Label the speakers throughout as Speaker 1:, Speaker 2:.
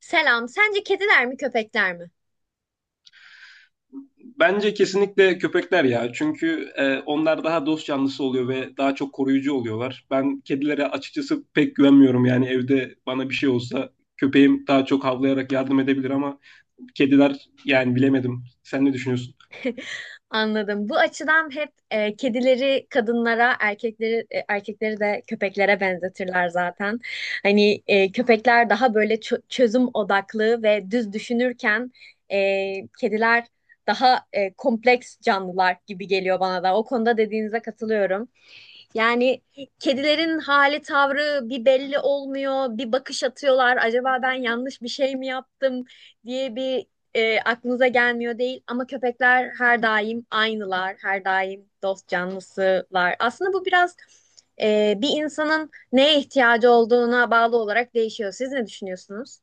Speaker 1: Selam. Sence kediler mi köpekler mi?
Speaker 2: Bence kesinlikle köpekler ya. Çünkü onlar daha dost canlısı oluyor ve daha çok koruyucu oluyorlar. Ben kedilere açıkçası pek güvenmiyorum. Yani evde bana bir şey olsa köpeğim daha çok havlayarak yardım edebilir ama kediler yani bilemedim. Sen ne düşünüyorsun?
Speaker 1: Anladım. Bu açıdan hep kedileri kadınlara, erkekleri erkekleri de köpeklere benzetirler zaten. Hani köpekler daha böyle çözüm odaklı ve düz düşünürken kediler daha kompleks canlılar gibi geliyor bana da. O konuda dediğinize katılıyorum. Yani kedilerin hali tavrı bir belli olmuyor, bir bakış atıyorlar. Acaba ben yanlış bir şey mi yaptım diye bir aklınıza gelmiyor değil. Ama köpekler her daim aynılar, her daim dost canlısılar. Aslında bu biraz bir insanın neye ihtiyacı olduğuna bağlı olarak değişiyor. Siz ne düşünüyorsunuz?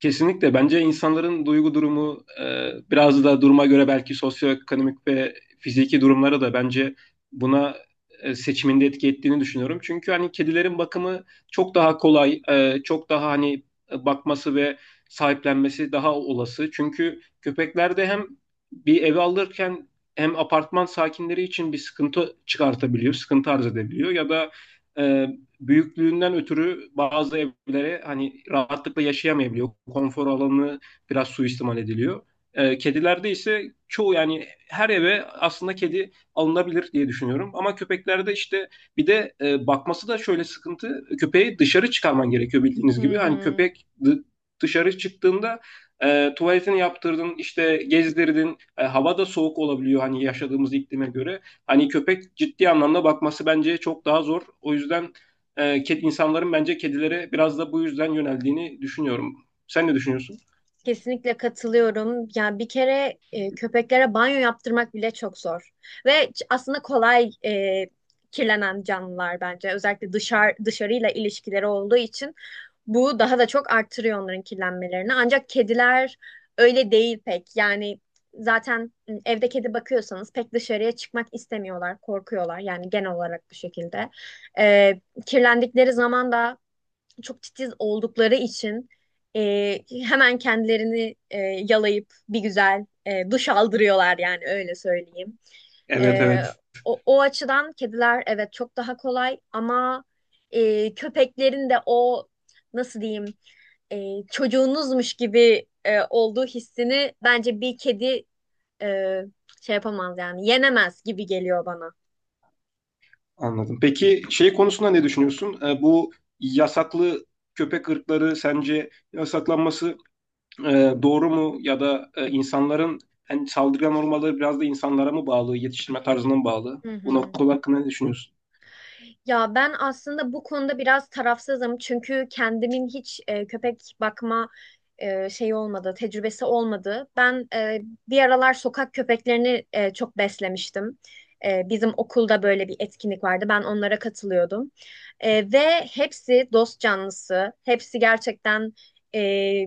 Speaker 2: Kesinlikle. Bence insanların duygu durumu biraz da duruma göre belki sosyoekonomik ve fiziki durumlara da bence buna seçiminde etki ettiğini düşünüyorum. Çünkü hani kedilerin bakımı çok daha kolay, çok daha hani bakması ve sahiplenmesi daha olası. Çünkü köpeklerde hem bir ev alırken hem apartman sakinleri için bir sıkıntı çıkartabiliyor, sıkıntı arz edebiliyor ya da e, büyüklüğünden ötürü bazı evlere hani rahatlıkla yaşayamayabiliyor. Konfor alanı biraz suistimal ediliyor. Kedilerde ise çoğu yani her eve aslında kedi alınabilir diye düşünüyorum. Ama köpeklerde işte bir de bakması da şöyle sıkıntı. Köpeği dışarı çıkarman gerekiyor bildiğiniz
Speaker 1: Hı
Speaker 2: gibi. Hani
Speaker 1: hı.
Speaker 2: dışarı çıktığında tuvaletini yaptırdın, işte gezdirdin. E, hava da soğuk olabiliyor hani yaşadığımız iklime göre. Hani köpek ciddi anlamda bakması bence çok daha zor. O yüzden insanların bence kedilere biraz da bu yüzden yöneldiğini düşünüyorum. Sen ne düşünüyorsun?
Speaker 1: Kesinlikle katılıyorum. Yani bir kere köpeklere banyo yaptırmak bile çok zor. Aslında kolay kirlenen canlılar bence. Özellikle dışarıyla ilişkileri olduğu için bu daha da çok arttırıyor onların kirlenmelerini. Ancak kediler öyle değil pek. Yani zaten evde kedi bakıyorsanız pek dışarıya çıkmak istemiyorlar, korkuyorlar. Yani genel olarak bu şekilde. E, Kirlendikleri zaman da çok titiz oldukları için e, hemen kendilerini yalayıp bir güzel duş aldırıyorlar yani öyle söyleyeyim.
Speaker 2: Evet
Speaker 1: E,
Speaker 2: evet,
Speaker 1: o açıdan kediler evet çok daha kolay ama köpeklerin de o nasıl diyeyim çocuğunuzmuş gibi olduğu hissini bence bir kedi e, şey yapamaz yani yenemez gibi geliyor bana.
Speaker 2: anladım. Peki şey konusunda ne düşünüyorsun? Bu yasaklı köpek ırkları sence yasaklanması e, doğru mu? Ya da insanların yani saldırgan olmaları biraz da insanlara mı bağlı, yetiştirme tarzına mı bağlı?
Speaker 1: Hı
Speaker 2: Bu
Speaker 1: hı.
Speaker 2: nokta hakkında ne düşünüyorsun?
Speaker 1: Ya ben aslında bu konuda biraz tarafsızım çünkü kendimin hiç köpek bakma şeyi olmadı, tecrübesi olmadı. Ben bir aralar sokak köpeklerini çok beslemiştim. Bizim okulda böyle bir etkinlik vardı. Ben onlara katılıyordum. Ve hepsi dost canlısı, hepsi gerçekten e,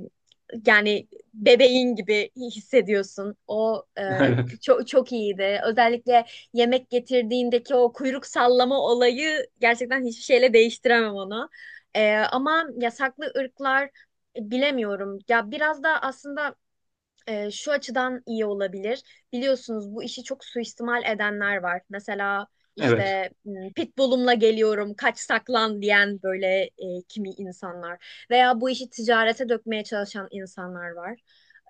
Speaker 1: yani bebeğin gibi hissediyorsun. O
Speaker 2: Evet,
Speaker 1: çok çok iyiydi. Özellikle yemek getirdiğindeki o kuyruk sallama olayı gerçekten hiçbir şeyle değiştiremem onu. Ama yasaklı ırklar bilemiyorum. Ya biraz da aslında şu açıdan iyi olabilir. Biliyorsunuz bu işi çok suistimal edenler var. Mesela
Speaker 2: evet.
Speaker 1: işte pitbullumla geliyorum, kaç saklan diyen böyle kimi insanlar veya bu işi ticarete dökmeye çalışan insanlar var.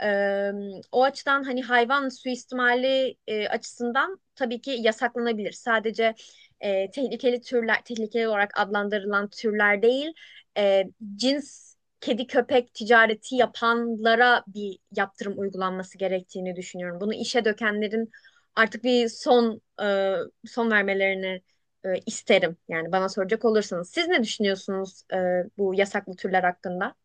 Speaker 1: Eee, O açıdan hani hayvan suistimali açısından tabii ki yasaklanabilir. Sadece tehlikeli türler, tehlikeli olarak adlandırılan türler değil, e, cins kedi köpek ticareti yapanlara bir yaptırım uygulanması gerektiğini düşünüyorum. Bunu işe dökenlerin artık bir son vermelerini isterim. Yani bana soracak olursanız siz ne düşünüyorsunuz bu yasaklı türler hakkında?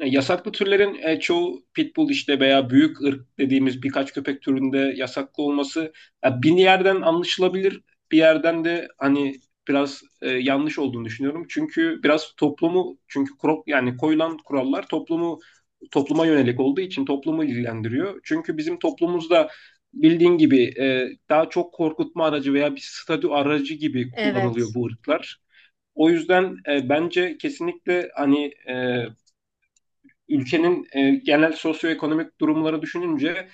Speaker 2: Yasaklı türlerin çoğu pitbull işte veya büyük ırk dediğimiz birkaç köpek türünde yasaklı olması ya, bir yerden anlaşılabilir, bir yerden de hani biraz yanlış olduğunu düşünüyorum. Çünkü biraz toplumu çünkü yani koyulan kurallar topluma yönelik olduğu için toplumu ilgilendiriyor. Çünkü bizim toplumumuzda bildiğin gibi daha çok korkutma aracı veya bir statü aracı gibi kullanılıyor
Speaker 1: Evet.
Speaker 2: bu ırklar. O yüzden bence kesinlikle ülkenin genel sosyoekonomik durumları düşününce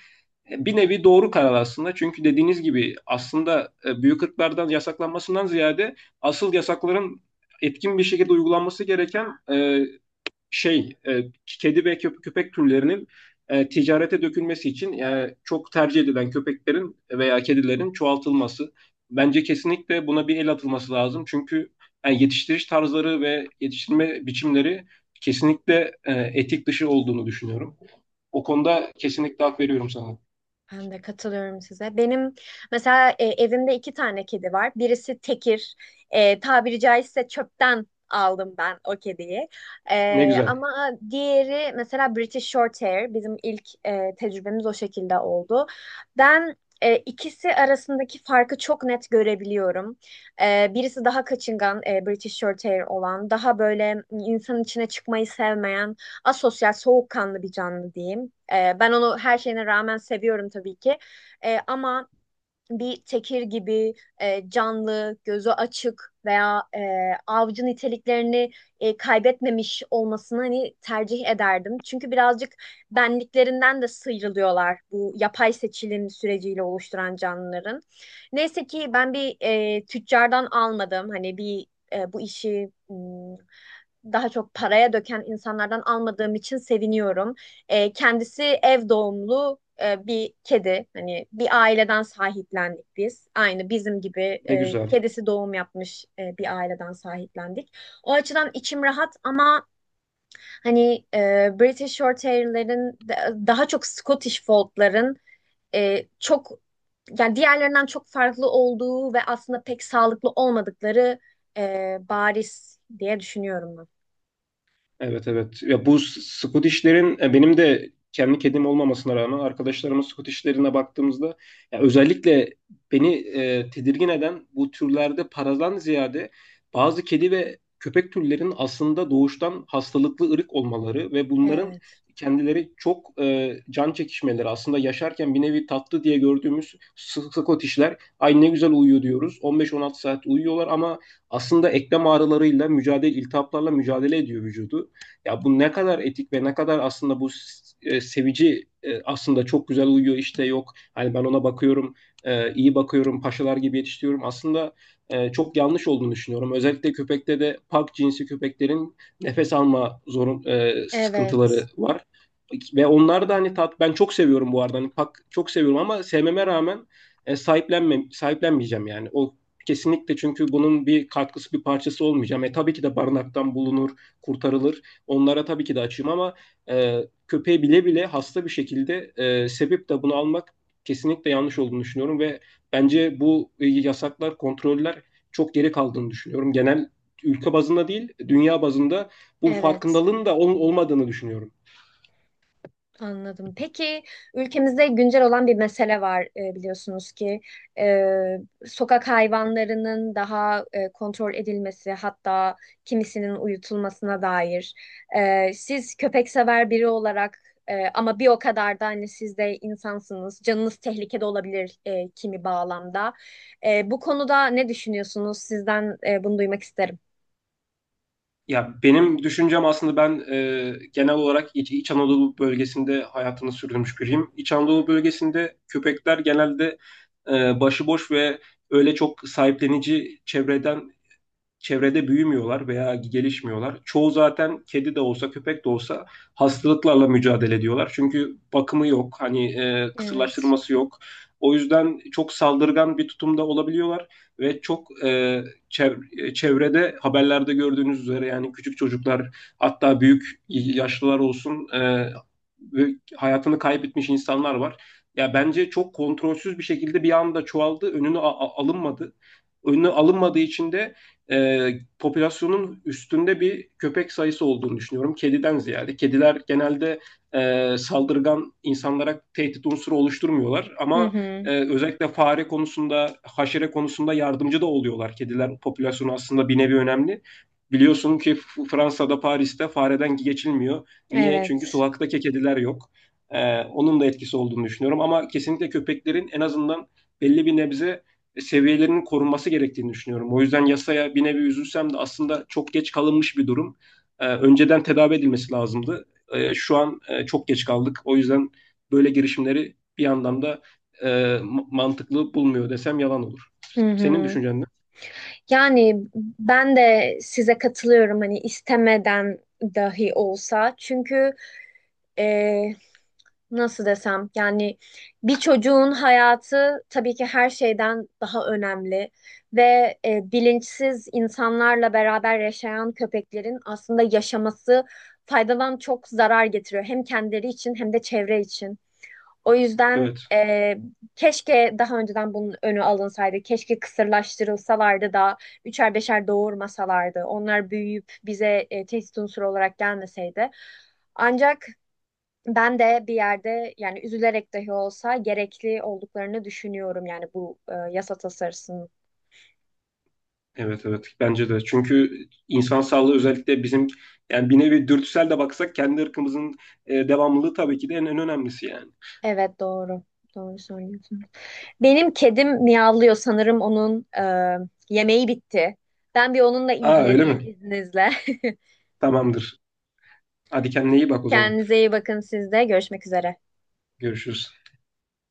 Speaker 2: bir nevi doğru karar aslında. Çünkü dediğiniz gibi aslında büyük ırklardan yasaklanmasından ziyade asıl yasakların etkin bir şekilde uygulanması gereken e, kedi ve köpek türlerinin ticarete dökülmesi için yani çok tercih edilen köpeklerin veya kedilerin çoğaltılması. Bence kesinlikle buna bir el atılması lazım. Çünkü yani yetiştiriş tarzları ve yetiştirme biçimleri kesinlikle etik dışı olduğunu düşünüyorum. O konuda kesinlikle hak veriyorum sana.
Speaker 1: Ben de katılıyorum size. Benim mesela evimde iki tane kedi var. Birisi tekir. Tabiri caizse çöpten aldım ben o kediyi.
Speaker 2: Ne güzel,
Speaker 1: Ama diğeri mesela British Shorthair. Bizim ilk tecrübemiz o şekilde oldu. Ben ikisi arasındaki farkı çok net görebiliyorum. Birisi daha kaçıngan, British Shorthair olan, daha böyle insanın içine çıkmayı sevmeyen asosyal, soğukkanlı bir canlı diyeyim. Ben onu her şeyine rağmen seviyorum tabii ki. Ama bir tekir gibi canlı, gözü açık veya avcı niteliklerini kaybetmemiş olmasını hani tercih ederdim. Çünkü birazcık benliklerinden de sıyrılıyorlar bu yapay seçilim süreciyle oluşturan canlıların. Neyse ki ben bir tüccardan almadım. Hani bir bu işi daha çok paraya döken insanlardan almadığım için seviniyorum. Kendisi ev doğumlu bir kedi. Hani bir aileden sahiplendik biz. Aynı bizim gibi
Speaker 2: ne güzel.
Speaker 1: kedisi doğum yapmış bir aileden sahiplendik. O açıdan içim rahat ama hani British Shorthair'lerin daha çok Scottish Fold'ların çok yani diğerlerinden çok farklı olduğu ve aslında pek sağlıklı olmadıkları bariz diye düşünüyorum ben.
Speaker 2: Evet evet. Ya Scottish'lerin benim de kendi kedim olmamasına rağmen arkadaşlarımın Scottish'lerine baktığımızda ya özellikle beni tedirgin eden bu türlerde paradan ziyade bazı kedi ve köpek türlerinin aslında doğuştan hastalıklı ırık olmaları ve bunların
Speaker 1: Evet,
Speaker 2: kendileri çok can çekişmeleri aslında yaşarken bir nevi tatlı diye gördüğümüz Scottish'ler ay ne güzel uyuyor diyoruz. 15-16 saat uyuyorlar ama aslında eklem ağrılarıyla mücadele, iltihaplarla mücadele ediyor vücudu. Ya bu ne kadar etik ve ne kadar aslında bu e, sevici e, aslında çok güzel uyuyor işte yok. Hani ben ona bakıyorum, iyi bakıyorum, paşalar gibi yetiştiriyorum. Aslında çok yanlış olduğunu düşünüyorum. Özellikle köpekte de pak cinsi köpeklerin nefes alma sıkıntıları
Speaker 1: evet,
Speaker 2: var. Ve onlar da hani tat ben çok seviyorum bu arada. Hani pak çok seviyorum ama sevmeme rağmen sahiplenmeyeceğim yani. O kesinlikle çünkü bunun bir katkısı bir parçası olmayacağım. E tabii ki de barınaktan bulunur, kurtarılır. Onlara tabii ki de açığım ama e, köpeği bile bile hasta bir şekilde sebep de bunu almak kesinlikle yanlış olduğunu düşünüyorum ve bence bu yasaklar, kontroller çok geri kaldığını düşünüyorum. Genel ülke bazında değil, dünya bazında bu
Speaker 1: evet.
Speaker 2: farkındalığın da olmadığını düşünüyorum.
Speaker 1: Anladım. Peki ülkemizde güncel olan bir mesele var biliyorsunuz ki E, sokak hayvanlarının daha kontrol edilmesi hatta kimisinin uyutulmasına dair. Siz köpek sever biri olarak ama bir o kadar da hani siz de insansınız. Canınız tehlikede olabilir kimi bağlamda. Bu konuda ne düşünüyorsunuz? Sizden bunu duymak isterim.
Speaker 2: Ya benim düşüncem aslında ben genel olarak İç Anadolu bölgesinde hayatını sürdürmüş biriyim. İç Anadolu bölgesinde köpekler genelde e, başıboş ve öyle çok sahiplenici çevrede büyümüyorlar veya gelişmiyorlar. Çoğu zaten kedi de olsa köpek de olsa hastalıklarla mücadele ediyorlar. Çünkü bakımı yok, hani
Speaker 1: Evet.
Speaker 2: kısırlaştırması yok. O yüzden çok saldırgan bir tutumda olabiliyorlar ve çok çevrede haberlerde gördüğünüz üzere yani küçük çocuklar hatta büyük yaşlılar olsun e, ve hayatını kaybetmiş insanlar var. Ya bence çok kontrolsüz bir şekilde bir anda çoğaldı, önünü alınmadı. Önünü alınmadığı için de e, popülasyonun üstünde bir köpek sayısı olduğunu düşünüyorum. Kediden ziyade. Kediler genelde saldırgan insanlara tehdit unsuru oluşturmuyorlar.
Speaker 1: Hı
Speaker 2: Ama
Speaker 1: hı.
Speaker 2: özellikle fare konusunda, haşere konusunda yardımcı da oluyorlar. Kediler popülasyonu aslında bir nevi önemli. Biliyorsun ki Fransa'da, Paris'te fareden geçilmiyor. Niye? Çünkü
Speaker 1: Evet.
Speaker 2: sokaktaki kediler yok. E, onun da etkisi olduğunu düşünüyorum. Ama kesinlikle köpeklerin en azından belli bir nebze seviyelerinin korunması gerektiğini düşünüyorum. O yüzden yasaya bir nevi üzülsem de aslında çok geç kalınmış bir durum. Önceden tedavi edilmesi lazımdı. Şu an çok geç kaldık. O yüzden böyle girişimleri bir yandan da e, mantıklı bulmuyor desem yalan olur.
Speaker 1: Hı
Speaker 2: Senin
Speaker 1: hı.
Speaker 2: düşüncen ne?
Speaker 1: Yani ben de size katılıyorum hani istemeden dahi olsa. Çünkü e, nasıl desem yani bir çocuğun hayatı tabii ki her şeyden daha önemli ve bilinçsiz insanlarla beraber yaşayan köpeklerin aslında yaşaması faydadan çok zarar getiriyor. Hem kendileri için hem de çevre için. O yüzden
Speaker 2: Evet.
Speaker 1: keşke daha önceden bunun önü alınsaydı. Keşke kısırlaştırılsalardı da üçer beşer doğurmasalardı. Onlar büyüyüp bize tehdit unsuru olarak gelmeseydi. Ancak ben de bir yerde yani üzülerek dahi olsa gerekli olduklarını düşünüyorum yani bu yasa tasarısının.
Speaker 2: Evet evet, bence de çünkü insan sağlığı özellikle bizim yani bir nevi dürtüsel de baksak kendi ırkımızın devamlılığı tabii ki de en önemlisi yani.
Speaker 1: Evet, doğru. Doğru söylüyorsun. Benim kedim miyavlıyor sanırım onun yemeği bitti. Ben bir onunla
Speaker 2: Aa öyle
Speaker 1: ilgileneyim
Speaker 2: mi?
Speaker 1: izninizle.
Speaker 2: Tamamdır. Hadi kendine iyi bak o zaman.
Speaker 1: Kendinize iyi bakın siz de. Görüşmek üzere.
Speaker 2: Görüşürüz.